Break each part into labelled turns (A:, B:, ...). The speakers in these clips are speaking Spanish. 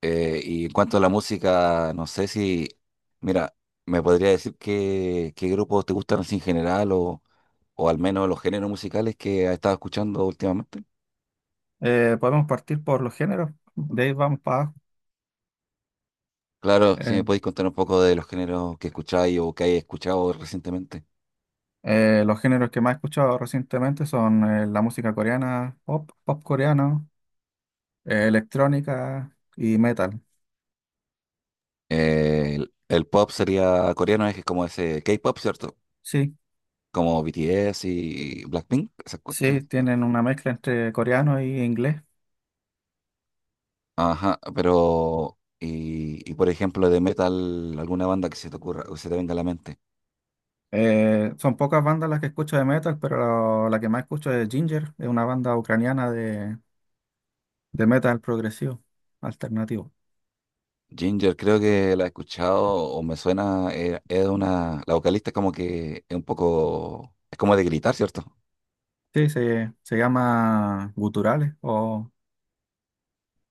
A: Y en cuanto a la música, no sé si, mira, me podría decir qué grupos te gustan así en general o al menos los géneros musicales que has estado escuchando últimamente.
B: Podemos partir por los géneros, de ahí vamos para abajo.
A: Claro, si me
B: Eh,
A: podéis contar un poco de los géneros que escucháis o que hayas escuchado recientemente.
B: los géneros que más he escuchado recientemente son la música coreana, pop, pop coreano, electrónica y metal.
A: El pop sería coreano, es como ese K-pop, ¿cierto?
B: Sí,
A: Como BTS y Blackpink, esas cuestiones.
B: sí, tienen una mezcla entre coreano y inglés.
A: Ajá, pero, y por ejemplo, de metal, alguna banda que se te ocurra o que se te venga a la mente.
B: Son pocas bandas las que escucho de metal, pero la que más escucho es Ginger, es una banda ucraniana de metal progresivo, alternativo.
A: Ginger, creo que la he escuchado o me suena, la vocalista es como que es un poco, es como de gritar, ¿cierto?
B: Sí, se llama guturales o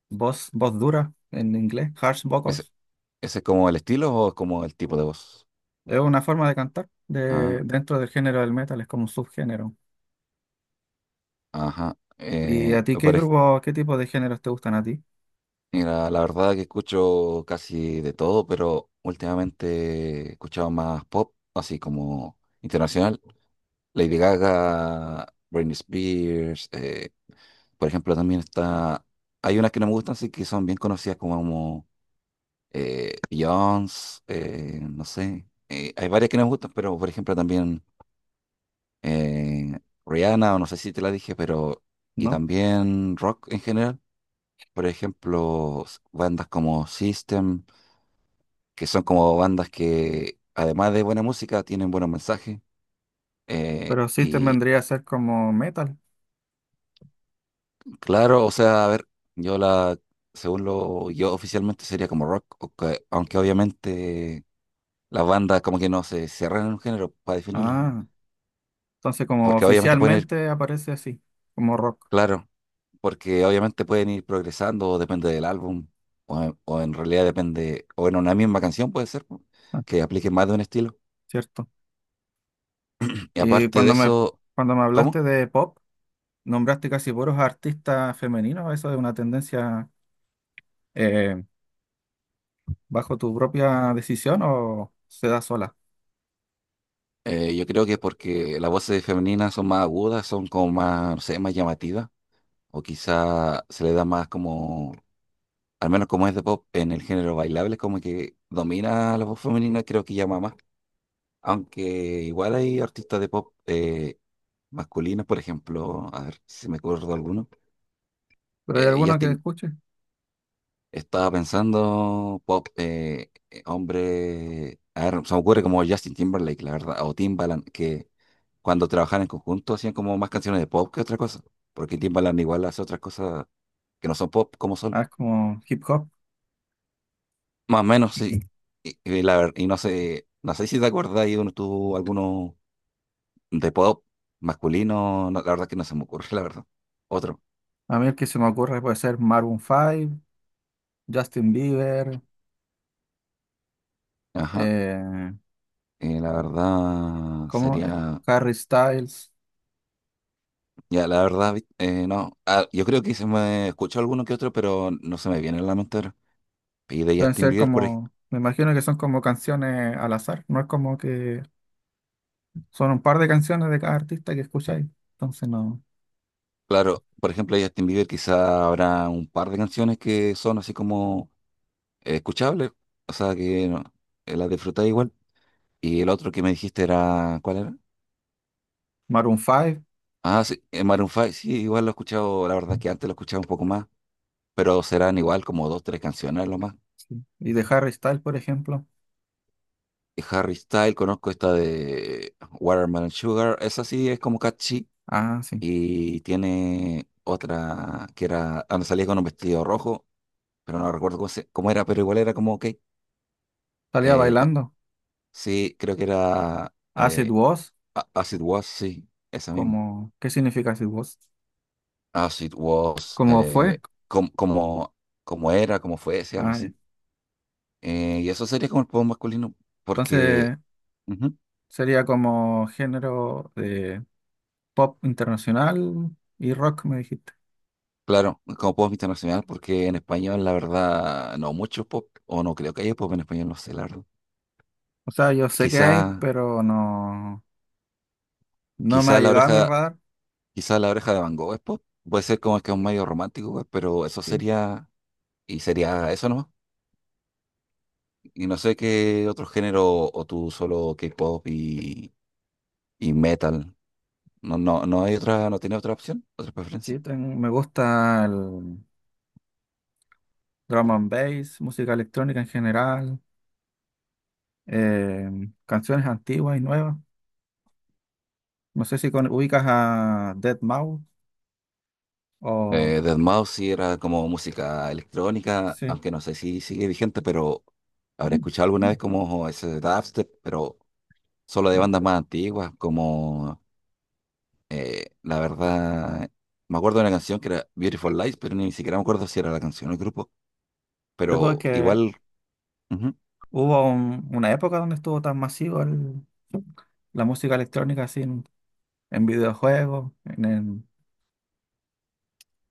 B: voz dura en inglés, harsh
A: ¿Ese,
B: vocals.
A: ese es como el estilo o es como el tipo de voz?
B: Es una forma de cantar
A: Ah,
B: de, dentro del género del metal, es como un subgénero.
A: ajá.
B: ¿Y a ti qué grupo, qué tipo de géneros te gustan a ti?
A: Mira, la verdad que escucho casi de todo, pero últimamente he escuchado más pop, así como internacional. Lady Gaga, Britney Spears, por ejemplo, también está, hay unas que no me gustan, sí que son bien conocidas como Beyoncé, no sé. Hay varias que nos gustan, pero por ejemplo también eh, Rihanna, o no sé si te la dije, pero. Y
B: ¿No?
A: también rock en general. Por ejemplo, bandas como System, que son como bandas que, además de buena música, tienen buenos mensajes. Eh,
B: Pero System
A: y
B: vendría a ser como metal.
A: claro, o sea, a ver, yo la. Según lo yo oficialmente sería como rock, aunque obviamente las bandas como que no se cierran en un género para definirla
B: Ah, entonces como
A: porque obviamente pueden ir.
B: oficialmente aparece así, como rock.
A: Claro, porque obviamente pueden ir progresando, depende del álbum, o en realidad depende, o en una misma canción puede ser, po,
B: Ah,
A: que aplique más de un estilo.
B: cierto.
A: Y
B: Y
A: aparte de eso,
B: cuando me hablaste
A: ¿cómo?
B: de pop, nombraste casi puros artistas femeninos. ¿Eso es una tendencia eh, bajo tu propia decisión o se da sola?
A: Yo creo que es porque las voces femeninas son más agudas, son como más, no sé, más llamativas, o quizá se le da más como, al menos como es de pop, en el género bailable, como que domina la voz femenina, creo que llama más. Aunque igual hay artistas de pop masculinos, por ejemplo, a ver si me acuerdo alguno.
B: ¿Pero hay alguno que
A: Justin,
B: escuche?
A: estaba pensando, pop, hombre, a ver, se me ocurre como Justin Timberlake, la verdad, o Timbaland, que cuando trabajaban en conjunto hacían como más canciones de pop que otra cosa, porque Timbaland igual hace otras cosas que no son pop como solo.
B: Ah, es como hip hop.
A: Más o menos, sí. Y no sé si te acuerdas, ahí uno tuvo alguno de pop masculino, no, la verdad que no se me ocurre, la verdad. Otro.
B: A mí el que se me ocurre puede ser Maroon 5, Justin Bieber,
A: Ajá.
B: eh,
A: La verdad
B: ¿cómo?
A: sería.
B: Harry Styles.
A: Ya, la verdad, no. Ah, yo creo que se me escuchó alguno que otro, pero no se me viene a la mente ahora. Y de
B: Deben
A: Justin
B: ser
A: Bieber,
B: como, me imagino que son como canciones al azar, no es como que son un par de canciones de cada artista que escucháis. Entonces no.
A: claro, por ejemplo, de Justin Bieber quizá habrá un par de canciones que son así como escuchables, o sea que no, las disfruté igual. Y el otro que me dijiste era, ¿cuál era?
B: Maroon 5,
A: Ah, sí, Maroon 5, sí, igual lo he escuchado, la verdad es que antes lo escuchaba un poco más, pero serán igual como dos, tres canciones lo más.
B: sí. Y de Harry Styles, por ejemplo.
A: Y Harry Style, conozco esta de Watermelon Sugar, esa sí es como catchy
B: Ah, sí.
A: y tiene otra que era, ah, no, salía con un vestido rojo, pero no recuerdo cómo, cómo era, pero igual era como, ok,
B: Salía
A: eh, pa-
B: bailando.
A: sí, creo que era
B: Acid Was,
A: As It Was, sí, esa misma,
B: como, ¿qué significa Acid Was?
A: As It Was,
B: ¿Cómo fue?
A: como, como era, como fuese, algo
B: Ah, ya.
A: así. Y eso sería como el pop masculino, porque,
B: Entonces
A: ujú,
B: sería como género pop internacional y rock, me dijiste.
A: claro, como pop internacional, porque en español, la verdad, no mucho pop, o no creo que haya pop en español, no sé, la verdad.
B: O sea, yo sé que hay,
A: Quizá,
B: pero no, no me ha
A: quizá la
B: llegado a mi
A: oreja
B: radar.
A: Quizás la oreja de Van Gogh es pop. Puede ser como que es un medio romántico, pues, pero eso
B: Sí,
A: sería. Y sería eso nomás. Y no sé qué otro género, o tú solo K-pop y metal. No, no, no hay otra, no tiene otra opción, otra preferencia.
B: Me gusta el drum and bass, música electrónica en general, eh, canciones antiguas y nuevas. No sé si ubicas a deadmau o...
A: Deadmau5 sí era como música electrónica,
B: Sí.
A: aunque no sé si sigue vigente, pero habré escuchado alguna vez como ese dubstep, pero solo de bandas más antiguas, como la verdad, me acuerdo de una canción que era Beautiful Lies, pero ni siquiera me acuerdo si era la canción o el grupo,
B: Sí,
A: pero
B: porque
A: igual, ujú,
B: hubo una época donde estuvo tan masivo la música electrónica así en videojuegos, en,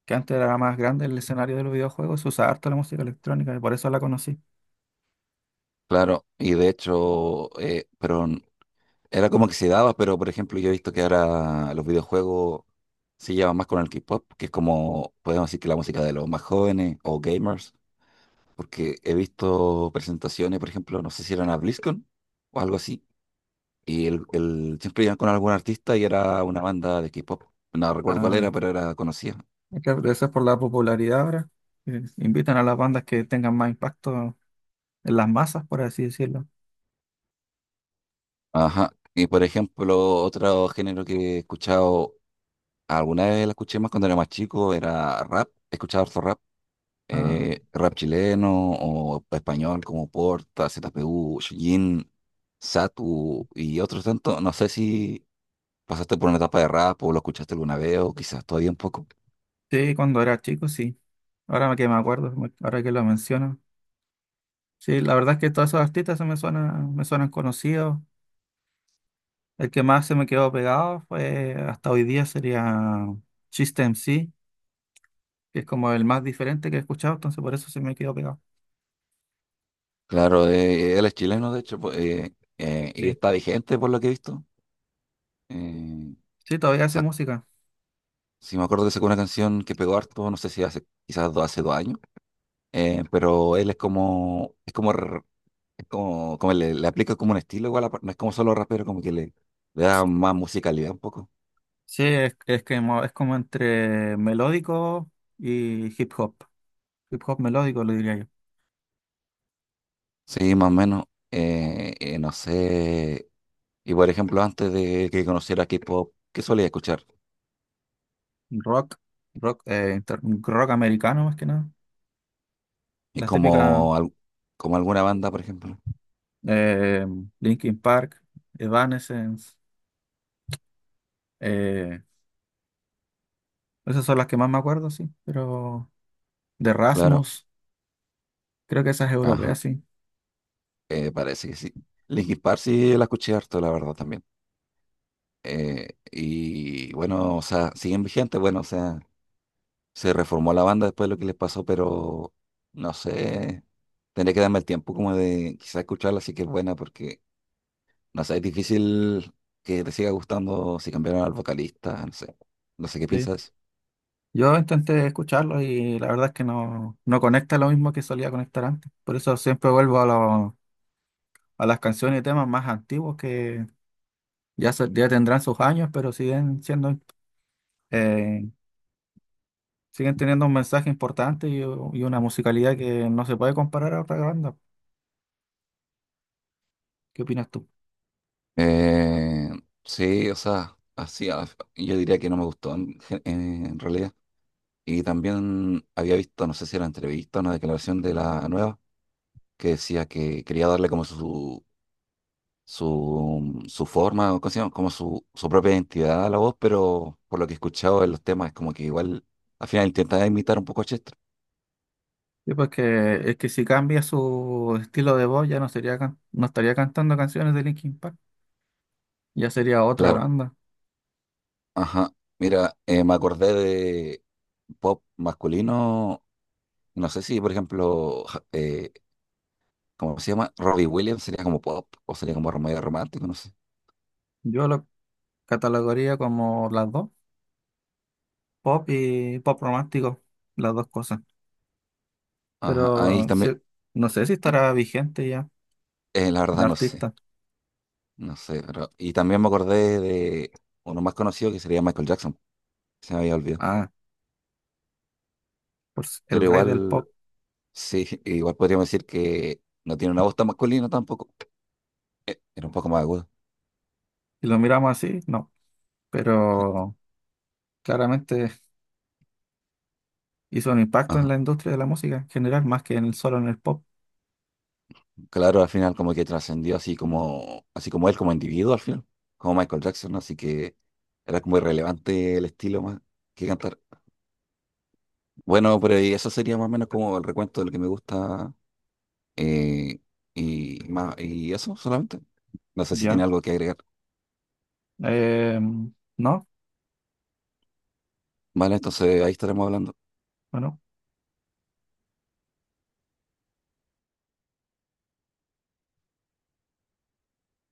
B: que antes era más grande el escenario de los videojuegos, se usaba harto la música electrónica y por eso la conocí.
A: claro, y de hecho, era como que se daba, pero por ejemplo, yo he visto que ahora los videojuegos se llevan más con el K-pop, que es como, podemos decir que la música de los más jóvenes o gamers, porque he visto presentaciones, por ejemplo, no sé si eran a BlizzCon o algo así, siempre iban con algún artista y era una banda de K-pop, no recuerdo cuál era,
B: Ay,
A: pero era conocida.
B: es que debe ser por la popularidad ahora, que invitan a las bandas que tengan más impacto en las masas, por así decirlo.
A: Ajá. Y por ejemplo, otro género que he escuchado. Alguna vez la escuché más cuando era más chico, era rap, escuchaba harto rap,
B: Ah,
A: rap chileno o español como Porta, ZPU, Chillín, Satu y otros tantos. No sé si pasaste por una etapa de rap o lo escuchaste alguna vez o quizás todavía un poco.
B: sí, cuando era chico, sí. Ahora que me acuerdo, ahora que lo menciono. Sí, la verdad es que todos esos artistas se me suenan conocidos. El que más se me quedó pegado fue hasta hoy día sería System MC, que es como el más diferente que he escuchado, entonces por eso se me quedó pegado.
A: Claro, él es chileno de hecho pues, y
B: Sí,
A: está vigente por lo que he visto. Eh,
B: sí, todavía hace
A: sac-
B: música.
A: si me acuerdo que sacó una canción que pegó harto, no sé si hace quizás hace 2 años. Pero él es como, es como, como le aplica como un estilo igual, no es como solo rapero, como que le da más musicalidad un poco.
B: Sí, es que es como entre melódico y hip hop. Hip hop melódico, lo diría yo.
A: Sí, más o menos. No sé. Y por ejemplo, antes de que conociera K-pop, ¿qué solía escuchar?
B: Rock, rock, rock americano más que nada.
A: Y
B: Las típicas
A: como, como alguna banda, por ejemplo.
B: eh, Linkin Park, Evanescence, eh, esas son las que más me acuerdo, sí. Pero de
A: Claro,
B: Rasmus, creo que esas europeas,
A: ajá,
B: sí.
A: parece que sí. Linkin Park sí la escuché harto, la verdad, también. Y bueno, o sea, siguen vigentes, bueno, o sea. Se reformó la banda después de lo que les pasó, pero no sé, tendría que darme el tiempo como de quizás escucharla, sí que es buena, porque no sé, es difícil que te siga gustando si cambiaron al vocalista, no sé qué
B: Sí.
A: piensas.
B: Yo intenté escucharlo y la verdad es que no, no conecta lo mismo que solía conectar antes. Por eso siempre vuelvo a las canciones y temas más antiguos. Ya tendrán sus años, pero siguen siendo, eh, siguen teniendo un mensaje importante y una musicalidad que no se puede comparar a otra banda. ¿Qué opinas tú?
A: Eh, sí, o sea, así, yo diría que no me gustó en realidad. Y también había visto, no sé si era entrevista, una declaración de la nueva, que decía que quería darle como su forma, o ¿cómo se llama? Como su propia identidad a la voz, pero por lo que he escuchado en los temas, es como que igual al final intenta imitar un poco a Chester.
B: Sí, pues que, es que si cambia su estilo de voz ya no sería no estaría cantando canciones de Linkin Park, ya sería otra
A: Claro,
B: banda.
A: ajá. Mira, me acordé de pop masculino, no sé si, por ejemplo, ¿cómo se llama? Robbie Williams sería como pop o sería como medio romántico, no sé.
B: Yo lo catalogaría como las dos, pop y pop romántico, las dos cosas.
A: Ajá, ahí
B: Pero sí,
A: también,
B: no sé si
A: y-
B: estará vigente ya
A: la
B: el
A: verdad no sé,
B: artista.
A: pero... Y también me acordé de uno más conocido que sería Michael Jackson, se me había olvidado.
B: Ah, pues
A: Pero
B: el rey del
A: igual.
B: pop.
A: Sí, igual podríamos decir que no tiene una voz tan masculina tampoco. Era un poco más aguda.
B: Si lo miramos así, no. Pero claramente hizo un impacto en
A: Ajá.
B: la industria de la música en general, más que en el solo en el pop.
A: Claro, al final como que trascendió así como él como individuo al final, como Michael Jackson, ¿no? Así que era como irrelevante el estilo más que cantar. Bueno, pero y eso sería más o menos como el recuento de lo que me gusta, eh, y más, y eso solamente. No sé si tiene
B: Ya.
A: algo que agregar.
B: No,
A: Vale, entonces ahí estaremos hablando.
B: bueno.